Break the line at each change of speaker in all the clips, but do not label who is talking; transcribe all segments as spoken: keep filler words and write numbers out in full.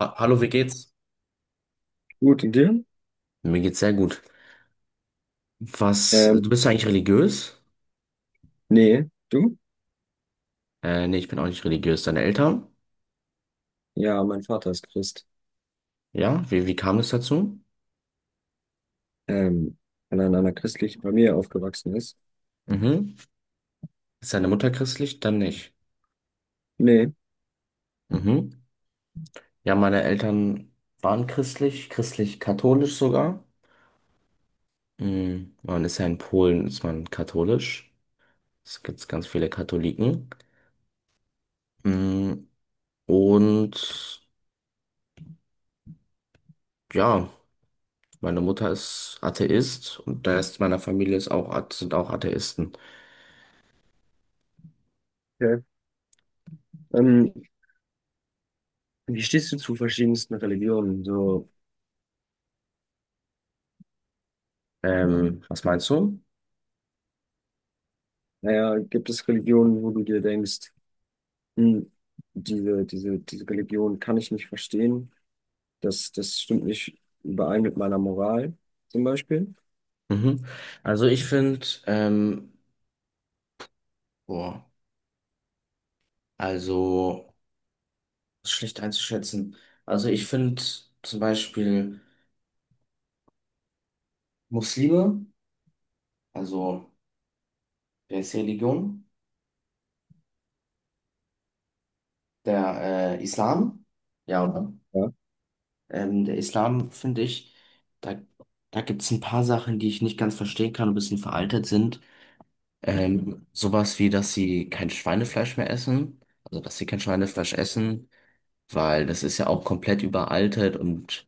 Ha- Hallo, wie geht's?
Gut, und dir?
Mir geht's sehr gut. Was,
Ähm,
du bist ja eigentlich religiös?
Nee, du?
Äh, nee, ich bin auch nicht religiös. Deine Eltern?
Ja, mein Vater ist Christ.
Ja, wie, wie kam es dazu?
Ähm, Weil er in einer christlichen Familie aufgewachsen ist.
Mhm. Ist deine Mutter christlich? Dann nicht.
Nee.
Mhm. Ja, meine Eltern waren christlich, christlich-katholisch sogar. Mhm. Man ist ja in Polen, ist man katholisch. Es gibt ganz viele Katholiken. Mhm. Und ja, meine Mutter ist Atheist und der Rest meiner Familie ist auch, Athe- sind auch Atheisten.
Okay. Ähm, Wie stehst du zu verschiedensten Religionen? So,
Ähm, was meinst du?
naja, gibt es Religionen, wo du dir denkst, hm, diese, diese, diese Religion kann ich nicht verstehen. Das, das stimmt nicht überein mit meiner Moral, zum Beispiel.
Mhm. Also ich finde, ähm, boah, also ist schlecht einzuschätzen. Also ich finde zum Beispiel Muslime, also der ist die Religion, der äh, Islam, ja, oder?
Ja.
Ähm, der Islam finde ich, da, da gibt es ein paar Sachen, die ich nicht ganz verstehen kann, ein bisschen veraltet sind. Ähm, sowas wie, dass sie kein Schweinefleisch mehr essen, also dass sie kein Schweinefleisch essen, weil das ist ja auch komplett überaltet und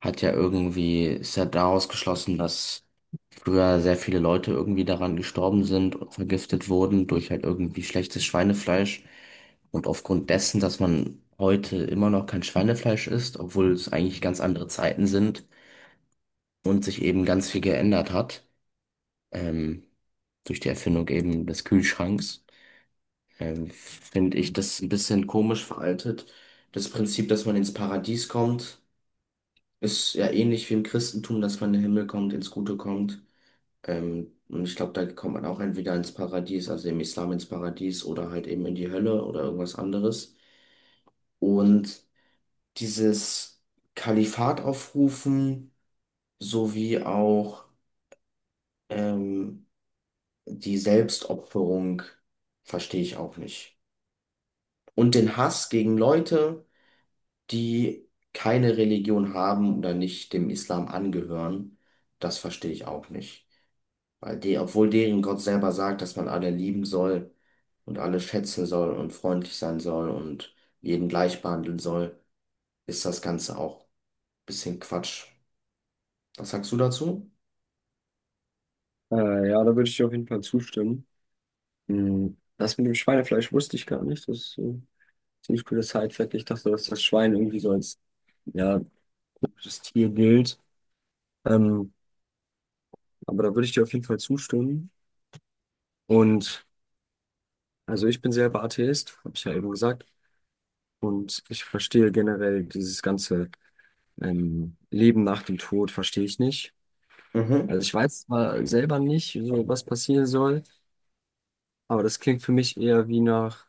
hat ja irgendwie, ist ja daraus geschlossen, dass früher sehr viele Leute irgendwie daran gestorben sind und vergiftet wurden durch halt irgendwie schlechtes Schweinefleisch. Und aufgrund dessen, dass man heute immer noch kein Schweinefleisch isst, obwohl es eigentlich ganz andere Zeiten sind und sich eben ganz viel geändert hat, ähm, durch die Erfindung eben des Kühlschranks, ähm, finde ich das ein bisschen komisch veraltet. Das Prinzip, dass man ins Paradies kommt, ist ja ähnlich wie im Christentum, dass man in den Himmel kommt, ins Gute kommt. Ähm, und ich glaube, da kommt man auch entweder ins Paradies, also im Islam ins Paradies oder halt eben in die Hölle oder irgendwas anderes. Und dieses Kalifat aufrufen sowie auch ähm, die Selbstopferung verstehe ich auch nicht. Und den Hass gegen Leute, die keine Religion haben oder nicht dem Islam angehören, das verstehe ich auch nicht. Weil die, obwohl deren Gott selber sagt, dass man alle lieben soll und alle schätzen soll und freundlich sein soll und jeden gleich behandeln soll, ist das Ganze auch ein bisschen Quatsch. Was sagst du dazu?
Äh, ja, da würde ich dir auf jeden Fall zustimmen. Hm, das mit dem Schweinefleisch wusste ich gar nicht. Das, äh, ziemlich cooles Sidefact. Ich dachte, dass das Schwein irgendwie so als ja, gutes Tier gilt. Ähm, aber da würde ich dir auf jeden Fall zustimmen. Und also ich bin selber Atheist, habe ich ja eben gesagt. Und ich verstehe generell dieses ganze ähm, Leben nach dem Tod, verstehe ich nicht. Also
Mhm,
ich weiß zwar selber nicht, so was passieren soll, aber das klingt für mich eher wie nach,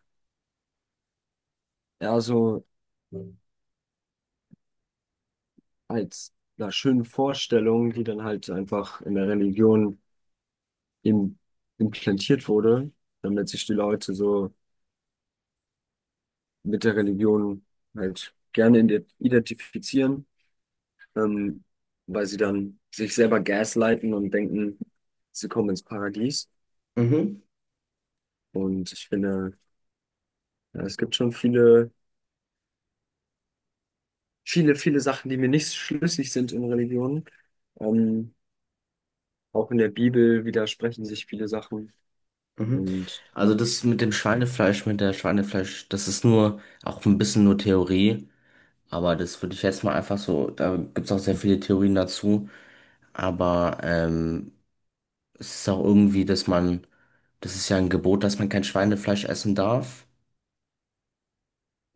eher so als einer schönen Vorstellung, die dann halt einfach in der Religion im, implantiert wurde, damit sich die Leute so mit der Religion halt gerne ide- identifizieren, ähm, weil sie dann sich selber gaslighten und denken, sie kommen ins Paradies.
mhm,
Und ich finde, ja, es gibt schon viele, viele, viele Sachen, die mir nicht schlüssig sind in Religionen. Ähm, Auch in der Bibel widersprechen sich viele Sachen.
mhm.
Und
Also das mit dem Schweinefleisch, mit der Schweinefleisch, das ist nur auch ein bisschen nur Theorie, aber das würde ich jetzt mal einfach so, da gibt's auch sehr viele Theorien dazu, aber ähm, es ist auch irgendwie, dass man, das ist ja ein Gebot, dass man kein Schweinefleisch essen darf.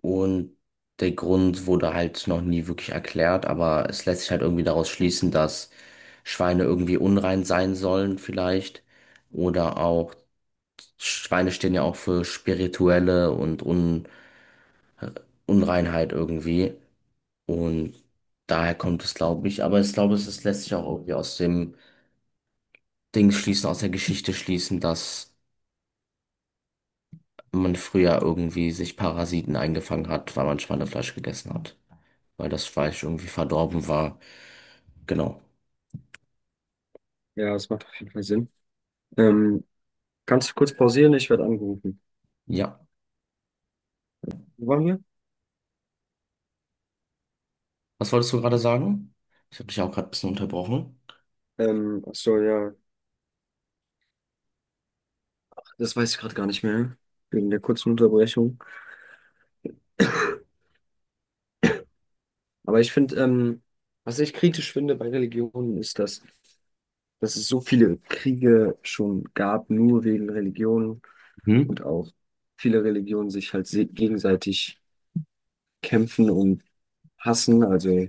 Und der Grund wurde halt noch nie wirklich erklärt, aber es lässt sich halt irgendwie daraus schließen, dass Schweine irgendwie unrein sein sollen vielleicht. Oder auch Schweine stehen ja auch für spirituelle und Un Unreinheit irgendwie. Und daher kommt es, glaube ich. Aber ich glaube, es es lässt sich auch irgendwie aus dem Ding schließen, aus der Geschichte schließen, dass man früher irgendwie sich Parasiten eingefangen hat, weil man Schweinefleisch gegessen hat. Weil das Fleisch irgendwie verdorben war. Genau.
ja, es macht auf jeden Fall Sinn. Ähm, Kannst du kurz pausieren? Ich werde angerufen.
Ja.
Wo waren wir?
Was wolltest du gerade sagen? Ich habe dich auch gerade ein bisschen unterbrochen.
Ähm, ach so, ja. Das weiß ich gerade gar nicht mehr, wegen der kurzen Unterbrechung. Aber ich finde, ähm, was ich kritisch finde bei Religionen, ist, dass, dass, es so viele Kriege schon gab, nur wegen Religionen,
Mhm.
und auch viele Religionen sich halt se- gegenseitig kämpfen und hassen. Also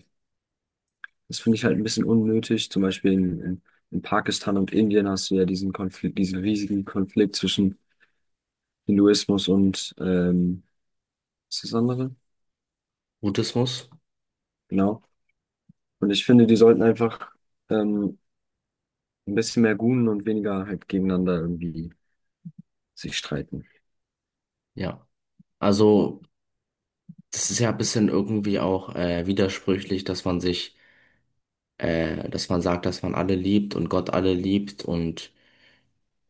das finde ich halt ein bisschen unnötig. Zum Beispiel in, in, in Pakistan und Indien hast du ja diesen Konflikt, diesen riesigen Konflikt zwischen Hinduismus und ähm, was ist das andere?
Buddhismus.
Genau. Und ich finde, die sollten einfach ähm, Ein bisschen mehr Gun und weniger halt gegeneinander irgendwie sich streiten.
Ja. Also, das ist ja ein bisschen irgendwie auch äh, widersprüchlich, dass man sich, äh, dass man sagt, dass man alle liebt und Gott alle liebt und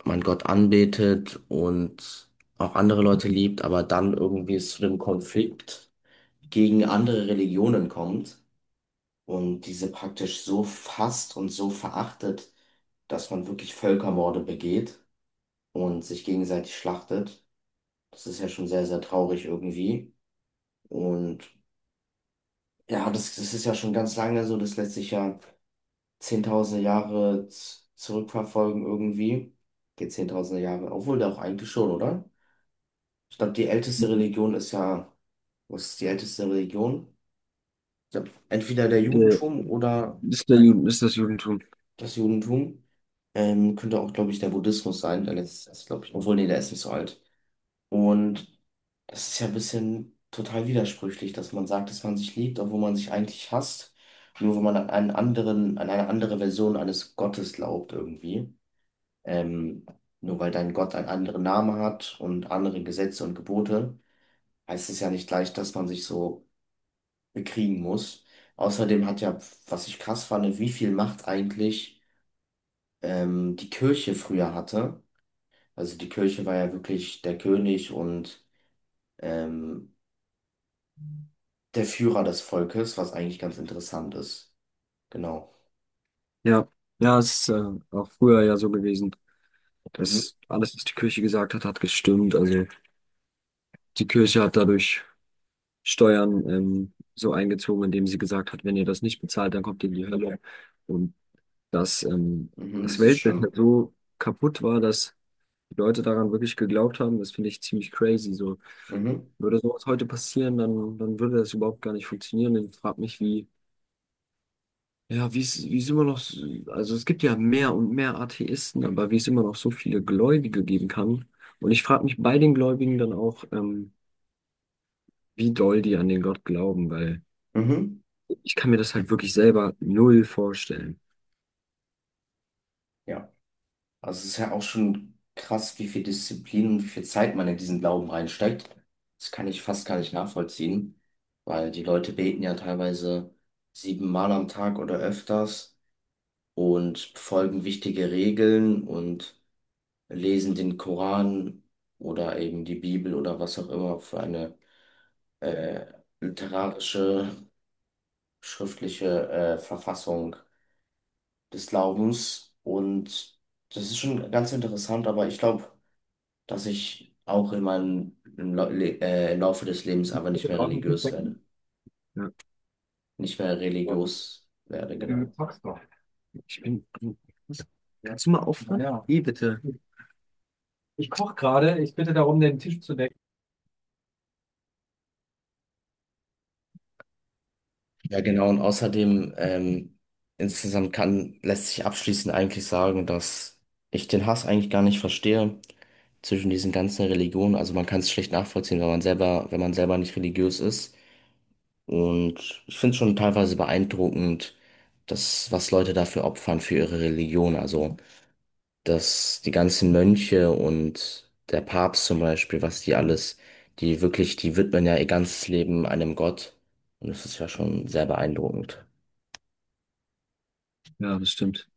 man Gott anbetet und auch andere Leute liebt, aber dann irgendwie es zu dem Konflikt gegen andere Religionen kommt und diese praktisch so fasst und so verachtet, dass man wirklich Völkermorde begeht und sich gegenseitig schlachtet. Das ist ja schon sehr, sehr traurig irgendwie. Und ja, das, das ist ja schon ganz lange so, das lässt sich ja zehntausende Jahre z- zurückverfolgen irgendwie. Geht zehntausende Jahre, obwohl da auch eigentlich schon, oder? Ich glaube, die älteste Religion ist ja, was ist die älteste Religion? Ich glaube, entweder der
Äh,
Judentum oder
Ist der Juden, ist das Judentum.
das Judentum. Ähm, könnte auch, glaube ich, der Buddhismus sein, der letzte, glaube ich, obwohl, nee, der ist nicht so alt. Und das ist ja ein bisschen total widersprüchlich, dass man sagt, dass man sich liebt, obwohl man sich eigentlich hasst, nur wenn man an einen anderen, an eine andere Version eines Gottes glaubt irgendwie. Ähm, nur weil dein Gott einen anderen Namen hat und andere Gesetze und Gebote, heißt es ja nicht gleich, dass man sich so bekriegen muss. Außerdem hat ja, was ich krass fand, wie viel Macht eigentlich ähm, die Kirche früher hatte. Also die Kirche war ja wirklich der König und ähm, der Führer des Volkes, was eigentlich ganz interessant ist. Genau.
Ja, ja, es ist äh, auch früher ja so gewesen,
Mhm.
dass alles, was die Kirche gesagt hat, hat gestimmt. Also die Kirche hat dadurch Steuern ähm, so eingezogen, indem sie gesagt hat, wenn ihr das nicht bezahlt, dann kommt ihr in die Hölle. Und dass ähm,
Mhm,
das
das ist
Weltbild halt
schlimm.
so kaputt war, dass die Leute daran wirklich geglaubt haben, das finde ich ziemlich crazy. So,
Mhm.
würde sowas heute passieren, dann, dann würde das überhaupt gar nicht funktionieren. Und ich frage mich, wie, ja, wie es, wie es immer noch, so- also es gibt ja mehr und mehr Atheisten, aber wie es immer noch so viele Gläubige geben kann. Und ich frage mich bei den Gläubigen dann auch, ähm, wie doll die an den Gott glauben, weil
Mhm.
ich kann mir das halt wirklich selber null vorstellen.
Ja. Also es ist ja auch schon krass, wie viel Disziplin und wie viel Zeit man in diesen Glauben reinsteckt. Das kann ich fast gar nicht nachvollziehen, weil die Leute beten ja teilweise siebenmal am Tag oder öfters und folgen wichtige Regeln und lesen den Koran oder eben die Bibel oder was auch immer für eine äh, literarische schriftliche äh, Verfassung des Glaubens. Und das ist schon ganz interessant, aber ich glaube, dass ich auch in meinem im, Lau- Le äh, im Laufe des Lebens aber nicht
Du
mehr
Draußen
religiös werde.
Fußbecken? Ja,
Nicht mehr religiös werde,
ja, du
genau.
zockst doch. ich bin, Kannst du mal aufhören? Ja. Eh, bitte. Ich koche gerade. Ich bitte darum, den Tisch zu decken.
Ja, genau. Und außerdem, ähm, insgesamt kann, lässt sich abschließend eigentlich sagen, dass ich den Hass eigentlich gar nicht verstehe zwischen diesen ganzen Religionen. Also man kann es schlecht nachvollziehen, wenn man selber, wenn man selber nicht religiös ist. Und ich finde es schon teilweise beeindruckend, dass, was Leute dafür opfern für ihre Religion. Also, dass die ganzen Mönche und der Papst zum Beispiel, was die alles, die wirklich, die widmen ja ihr ganzes Leben einem Gott. Und das ist ja schon sehr beeindruckend.
Ja, das stimmt.